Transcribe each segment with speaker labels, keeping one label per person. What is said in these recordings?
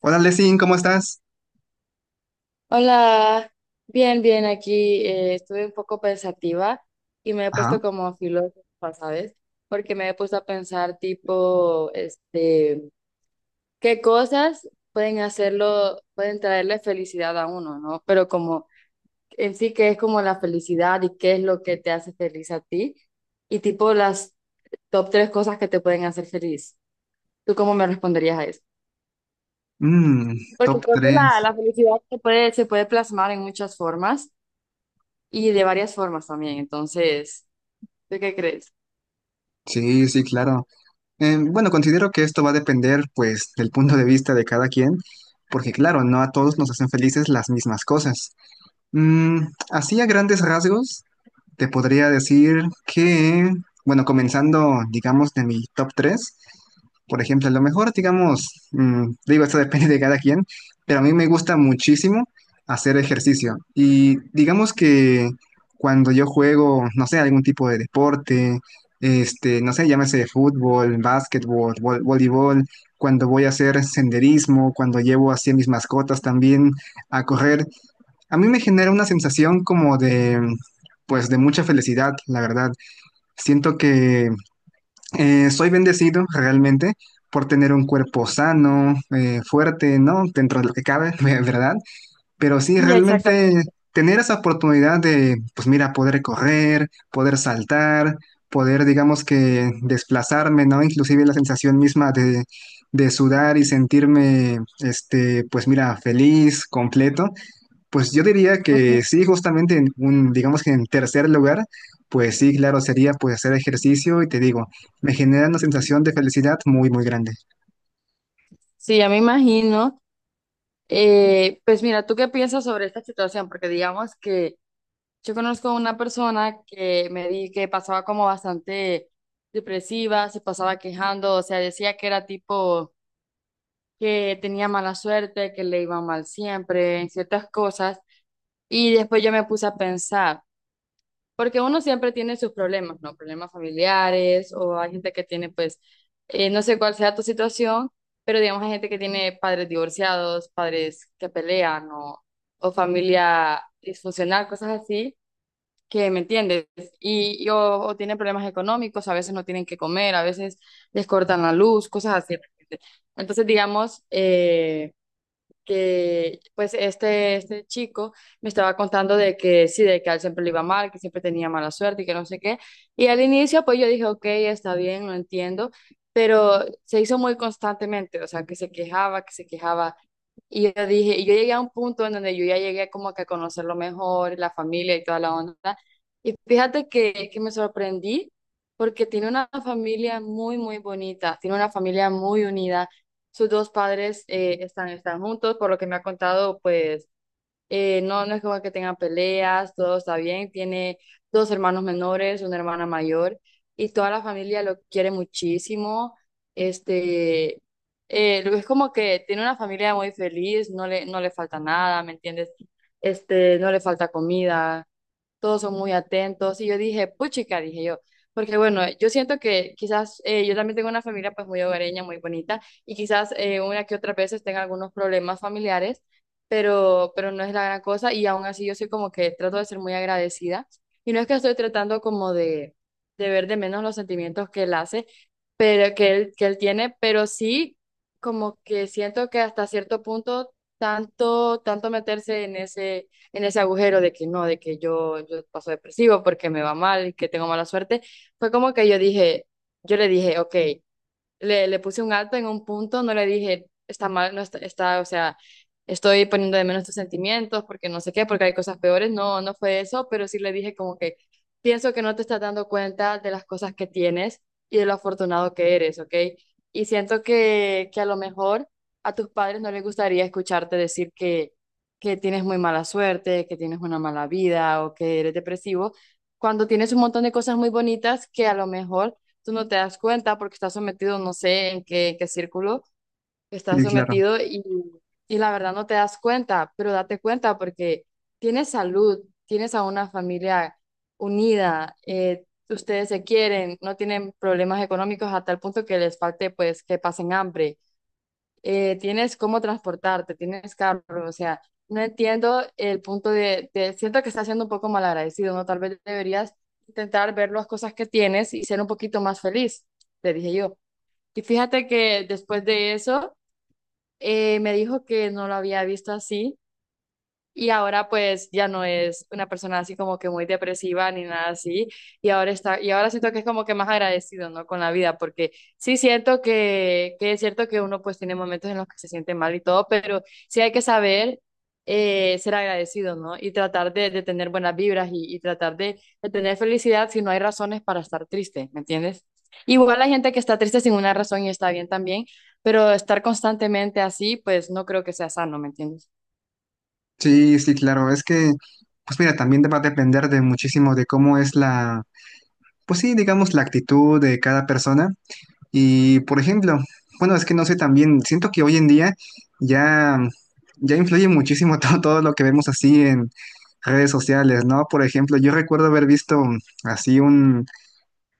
Speaker 1: Hola, Lesin, ¿cómo estás?
Speaker 2: Hola, bien, bien, aquí estuve un poco pensativa y me he
Speaker 1: Ajá.
Speaker 2: puesto como filósofa, ¿sabes? Porque me he puesto a pensar tipo, qué cosas pueden hacerlo, pueden traerle felicidad a uno, ¿no? Pero como en sí, qué es como la felicidad y qué es lo que te hace feliz a ti y tipo las top tres cosas que te pueden hacer feliz. ¿Tú cómo me responderías a eso?
Speaker 1: Mm,
Speaker 2: Porque
Speaker 1: Top
Speaker 2: creo que
Speaker 1: tres.
Speaker 2: la felicidad se puede plasmar en muchas formas. Y de varias formas también. Entonces, ¿tú qué crees?
Speaker 1: Sí, sí, claro. Bueno, considero que esto va a depender, pues, del punto de vista de cada quien, porque, claro, no a todos nos hacen felices las mismas cosas. Mm, Así a grandes rasgos, te podría decir que, bueno, comenzando, digamos, de mi top tres, por ejemplo, a lo mejor, digamos, digo, esto depende de cada quien, pero a mí me gusta muchísimo hacer ejercicio. Y digamos que cuando yo juego, no sé, algún tipo de deporte, este, no sé, llámese fútbol, básquetbol, voleibol, cuando voy a hacer senderismo, cuando llevo así a mis mascotas también a correr, a mí me genera una sensación como de, pues, de mucha felicidad, la verdad. Siento que soy bendecido realmente por tener un cuerpo sano, fuerte, ¿no? Dentro de lo que cabe, ¿verdad? Pero sí,
Speaker 2: Sí,
Speaker 1: realmente
Speaker 2: exactamente.
Speaker 1: tener esa oportunidad de, pues mira, poder correr, poder saltar, poder, digamos que, desplazarme, ¿no? Inclusive la sensación misma de sudar y sentirme, este, pues mira, feliz, completo. Pues yo diría
Speaker 2: Ujú.
Speaker 1: que sí, justamente digamos que en tercer lugar, pues sí, claro, sería pues hacer ejercicio y te digo, me genera una sensación de felicidad muy, muy grande.
Speaker 2: Sí, ya me imagino. Pues mira, ¿tú qué piensas sobre esta situación? Porque digamos que yo conozco una persona que me di que pasaba como bastante depresiva, se pasaba quejando, o sea, decía que era tipo que tenía mala suerte, que le iba mal siempre en ciertas cosas. Y después yo me puse a pensar. Porque uno siempre tiene sus problemas, ¿no? Problemas familiares o hay gente que tiene, pues, no sé cuál sea tu situación, pero digamos hay gente que tiene padres divorciados, padres que pelean o familia disfuncional, cosas así, que me entiendes. Y o tienen problemas económicos, a veces no tienen que comer, a veces les cortan la luz, cosas así. ¿Me entiendes? Entonces, digamos, que pues este chico me estaba contando de que sí, de que a él siempre le iba mal, que siempre tenía mala suerte y que no sé qué. Y al inicio pues yo dije, ok, está bien, lo entiendo, pero se hizo muy constantemente, o sea, que se quejaba, que se quejaba. Y yo dije, y yo llegué a un punto en donde yo ya llegué como que a conocerlo mejor, la familia y toda la onda. Y fíjate que me sorprendí porque tiene una familia muy, muy bonita, tiene una familia muy unida. Sus dos padres están juntos, por lo que me ha contado, pues no, no es como que tengan peleas, todo está bien, tiene dos hermanos menores, una hermana mayor, y toda la familia lo quiere muchísimo. este, es como que tiene una familia muy feliz, no le falta nada, ¿me entiendes? No le falta comida, todos son muy atentos. Y yo dije, puchica, dije yo, porque bueno, yo siento que quizás yo también tengo una familia pues muy hogareña, muy bonita, y quizás una que otras veces tenga algunos problemas familiares, pero no es la gran cosa, y aún así yo soy como que trato de ser muy agradecida, y no es que estoy tratando como de ver de menos los sentimientos que él hace, pero que él tiene, pero sí como que siento que hasta cierto punto, tanto, tanto meterse en ese agujero de que no, de que yo paso depresivo porque me va mal y que tengo mala suerte, fue como que yo le dije, ok, le puse un alto en un punto, no le dije, está mal, no está, o sea, estoy poniendo de menos tus sentimientos porque no sé qué, porque hay cosas peores, no, no fue eso, pero sí le dije como que pienso que no te estás dando cuenta de las cosas que tienes y de lo afortunado que eres, ¿ok? Y siento que a lo mejor a tus padres no les gustaría escucharte decir que tienes muy mala suerte, que tienes una mala vida o que eres depresivo, cuando tienes un montón de cosas muy bonitas que a lo mejor tú no te das cuenta porque estás sometido, no sé en qué círculo estás
Speaker 1: Sí, claro.
Speaker 2: sometido y la verdad no te das cuenta, pero date cuenta porque tienes salud, tienes a una familia unida, ustedes se quieren, no tienen problemas económicos a tal punto que les falte pues que pasen hambre. Tienes cómo transportarte, tienes carro, o sea, no entiendo el punto siento que estás siendo un poco malagradecido, ¿no? Tal vez deberías intentar ver las cosas que tienes y ser un poquito más feliz, le dije yo. Y fíjate que después de eso, me dijo que no lo había visto así y ahora pues ya no es una persona así como que muy depresiva ni nada así. Y ahora siento que es como que más agradecido, ¿no? Con la vida, porque sí siento que es cierto que uno pues tiene momentos en los que se siente mal y todo, pero sí hay que saber ser agradecido, ¿no? Y tratar de tener buenas vibras y tratar de tener felicidad si no hay razones para estar triste, ¿me entiendes? Igual la gente que está triste sin una razón y está bien también, pero estar constantemente así, pues no creo que sea sano, ¿me entiendes?
Speaker 1: Sí, sí, claro. Es que, pues mira, también va a depender de muchísimo de cómo es la, pues sí, digamos, la actitud de cada persona. Y por ejemplo, bueno, es que no sé también, siento que hoy en día ya, ya influye muchísimo todo lo que vemos así en redes sociales, ¿no? Por ejemplo, yo recuerdo haber visto así un,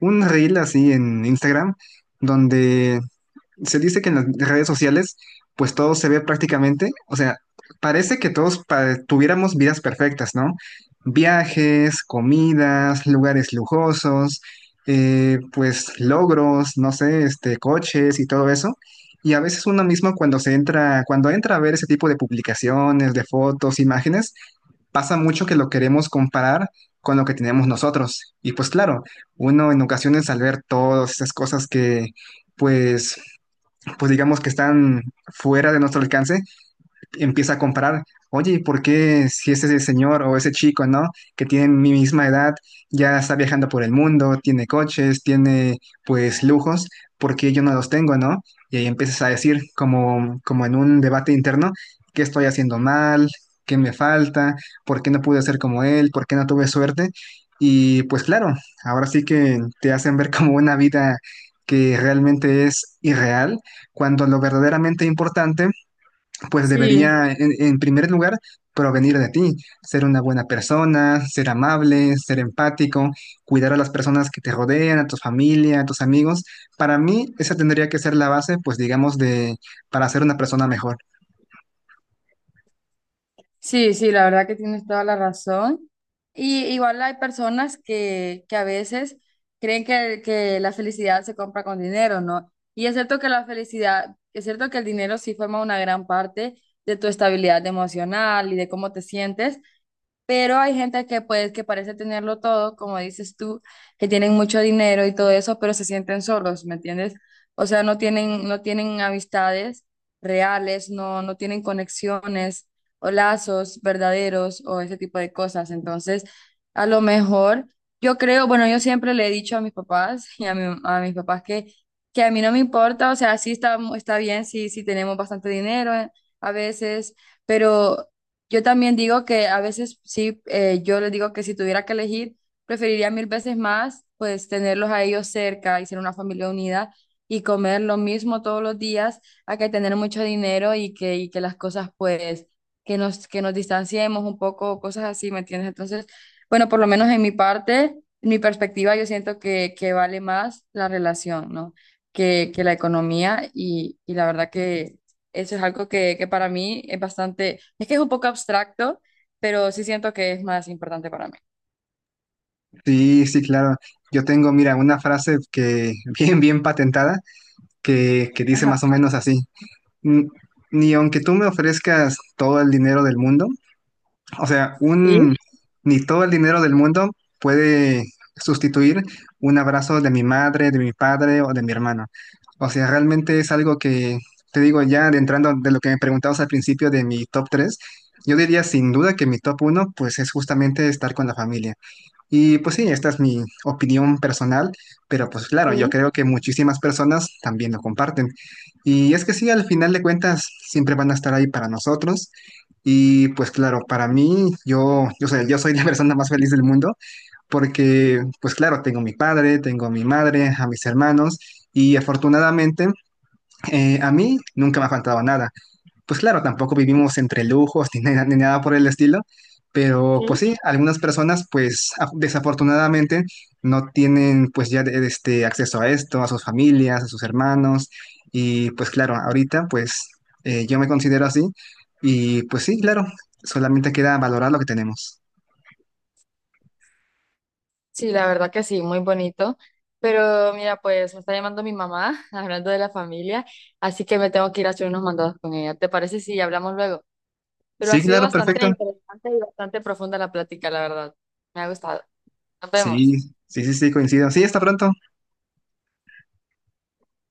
Speaker 1: un reel así en Instagram, donde se dice que en las redes sociales, pues todo se ve prácticamente, o sea, parece que todos tuviéramos vidas perfectas, ¿no? Viajes, comidas, lugares lujosos, pues logros, no sé, este, coches y todo eso. Y a veces uno mismo cuando entra a ver ese tipo de publicaciones, de fotos, imágenes, pasa mucho que lo queremos comparar con lo que tenemos nosotros. Y pues claro, uno en ocasiones al ver todas esas cosas que pues pues digamos que están fuera de nuestro alcance, empieza a comparar, oye, ¿por qué si ese señor o ese chico, ¿no? Que tiene mi misma edad, ya está viajando por el mundo, tiene coches, tiene pues lujos, ¿por qué yo no los tengo, ¿no? Y ahí empiezas a decir, como en un debate interno, ¿qué estoy haciendo mal? ¿Qué me falta? ¿Por qué no pude ser como él? ¿Por qué no tuve suerte? Y pues claro, ahora sí que te hacen ver como una vida que realmente es irreal, cuando lo verdaderamente importante pues
Speaker 2: Sí.
Speaker 1: debería, en primer lugar, provenir de ti, ser una buena persona, ser amable, ser empático, cuidar a las personas que te rodean, a tu familia, a tus amigos. Para mí, esa tendría que ser la base, pues digamos, de para ser una persona mejor.
Speaker 2: Sí, sí, la verdad que tienes toda la razón. Y igual hay personas que a veces creen que la felicidad se compra con dinero, ¿no? Y es cierto que la felicidad, es cierto que el dinero sí forma una gran parte de tu estabilidad emocional y de cómo te sientes, pero hay gente que pues que parece tenerlo todo, como dices tú, que tienen mucho dinero y todo eso, pero se sienten solos, ¿me entiendes? O sea, no tienen, amistades reales, no, no tienen conexiones o lazos verdaderos o ese tipo de cosas. Entonces, a lo mejor, yo creo, bueno, yo siempre le he dicho a mis papás y a mis papás que a mí no me importa, o sea, sí está bien sí sí tenemos bastante dinero a veces. Pero yo también digo que a veces sí, yo les digo que si tuviera que elegir, preferiría mil veces más, pues tenerlos a ellos cerca y ser una familia unida y comer lo mismo todos los días, a que tener mucho dinero y que las cosas, pues, que nos distanciemos un poco, cosas así, ¿me entiendes? Entonces, bueno, por lo menos en mi parte, en mi perspectiva, yo siento que vale más la relación, ¿no? Que la economía y la verdad que eso es algo que para mí es bastante, es que es un poco abstracto, pero sí siento que es más importante para mí.
Speaker 1: Sí, sí, claro. Yo tengo, mira, una frase que bien, bien patentada, que dice
Speaker 2: Ajá,
Speaker 1: más o menos así. "N- Ni aunque tú me ofrezcas todo el dinero del mundo, o sea,
Speaker 2: sí,
Speaker 1: ni todo el dinero del mundo puede sustituir un abrazo de mi madre, de mi padre o de mi hermano. O sea, realmente es algo que, te digo, ya adentrando de lo que me preguntabas al principio de mi top 3. Yo diría sin duda que mi top uno, pues es justamente estar con la familia. Y pues sí, esta es mi opinión personal, pero pues claro, yo
Speaker 2: sí,
Speaker 1: creo que muchísimas personas también lo comparten. Y es que sí, al final de cuentas, siempre van a estar ahí para nosotros. Y pues claro, para mí, yo soy la persona más feliz del mundo, porque pues claro, tengo a mi padre, tengo a mi madre, a mis hermanos, y afortunadamente a mí nunca me ha faltado nada. Pues claro, tampoco vivimos entre lujos ni, nada ni nada por el estilo, pero pues sí, algunas personas pues desafortunadamente no tienen pues ya este acceso a esto, a sus familias, a sus hermanos y pues claro, ahorita pues yo me considero así y pues sí, claro, solamente queda valorar lo que tenemos.
Speaker 2: sí, la verdad que sí, muy bonito. Pero mira, pues me está llamando mi mamá hablando de la familia, así que me tengo que ir a hacer unos mandados con ella. ¿Te parece si hablamos luego? Pero ha
Speaker 1: Sí,
Speaker 2: sido
Speaker 1: claro,
Speaker 2: bastante
Speaker 1: perfecto.
Speaker 2: interesante y bastante profunda la plática, la verdad. Me ha gustado. Nos vemos.
Speaker 1: Sí, sí, sí, sí, coincido. Sí, hasta pronto.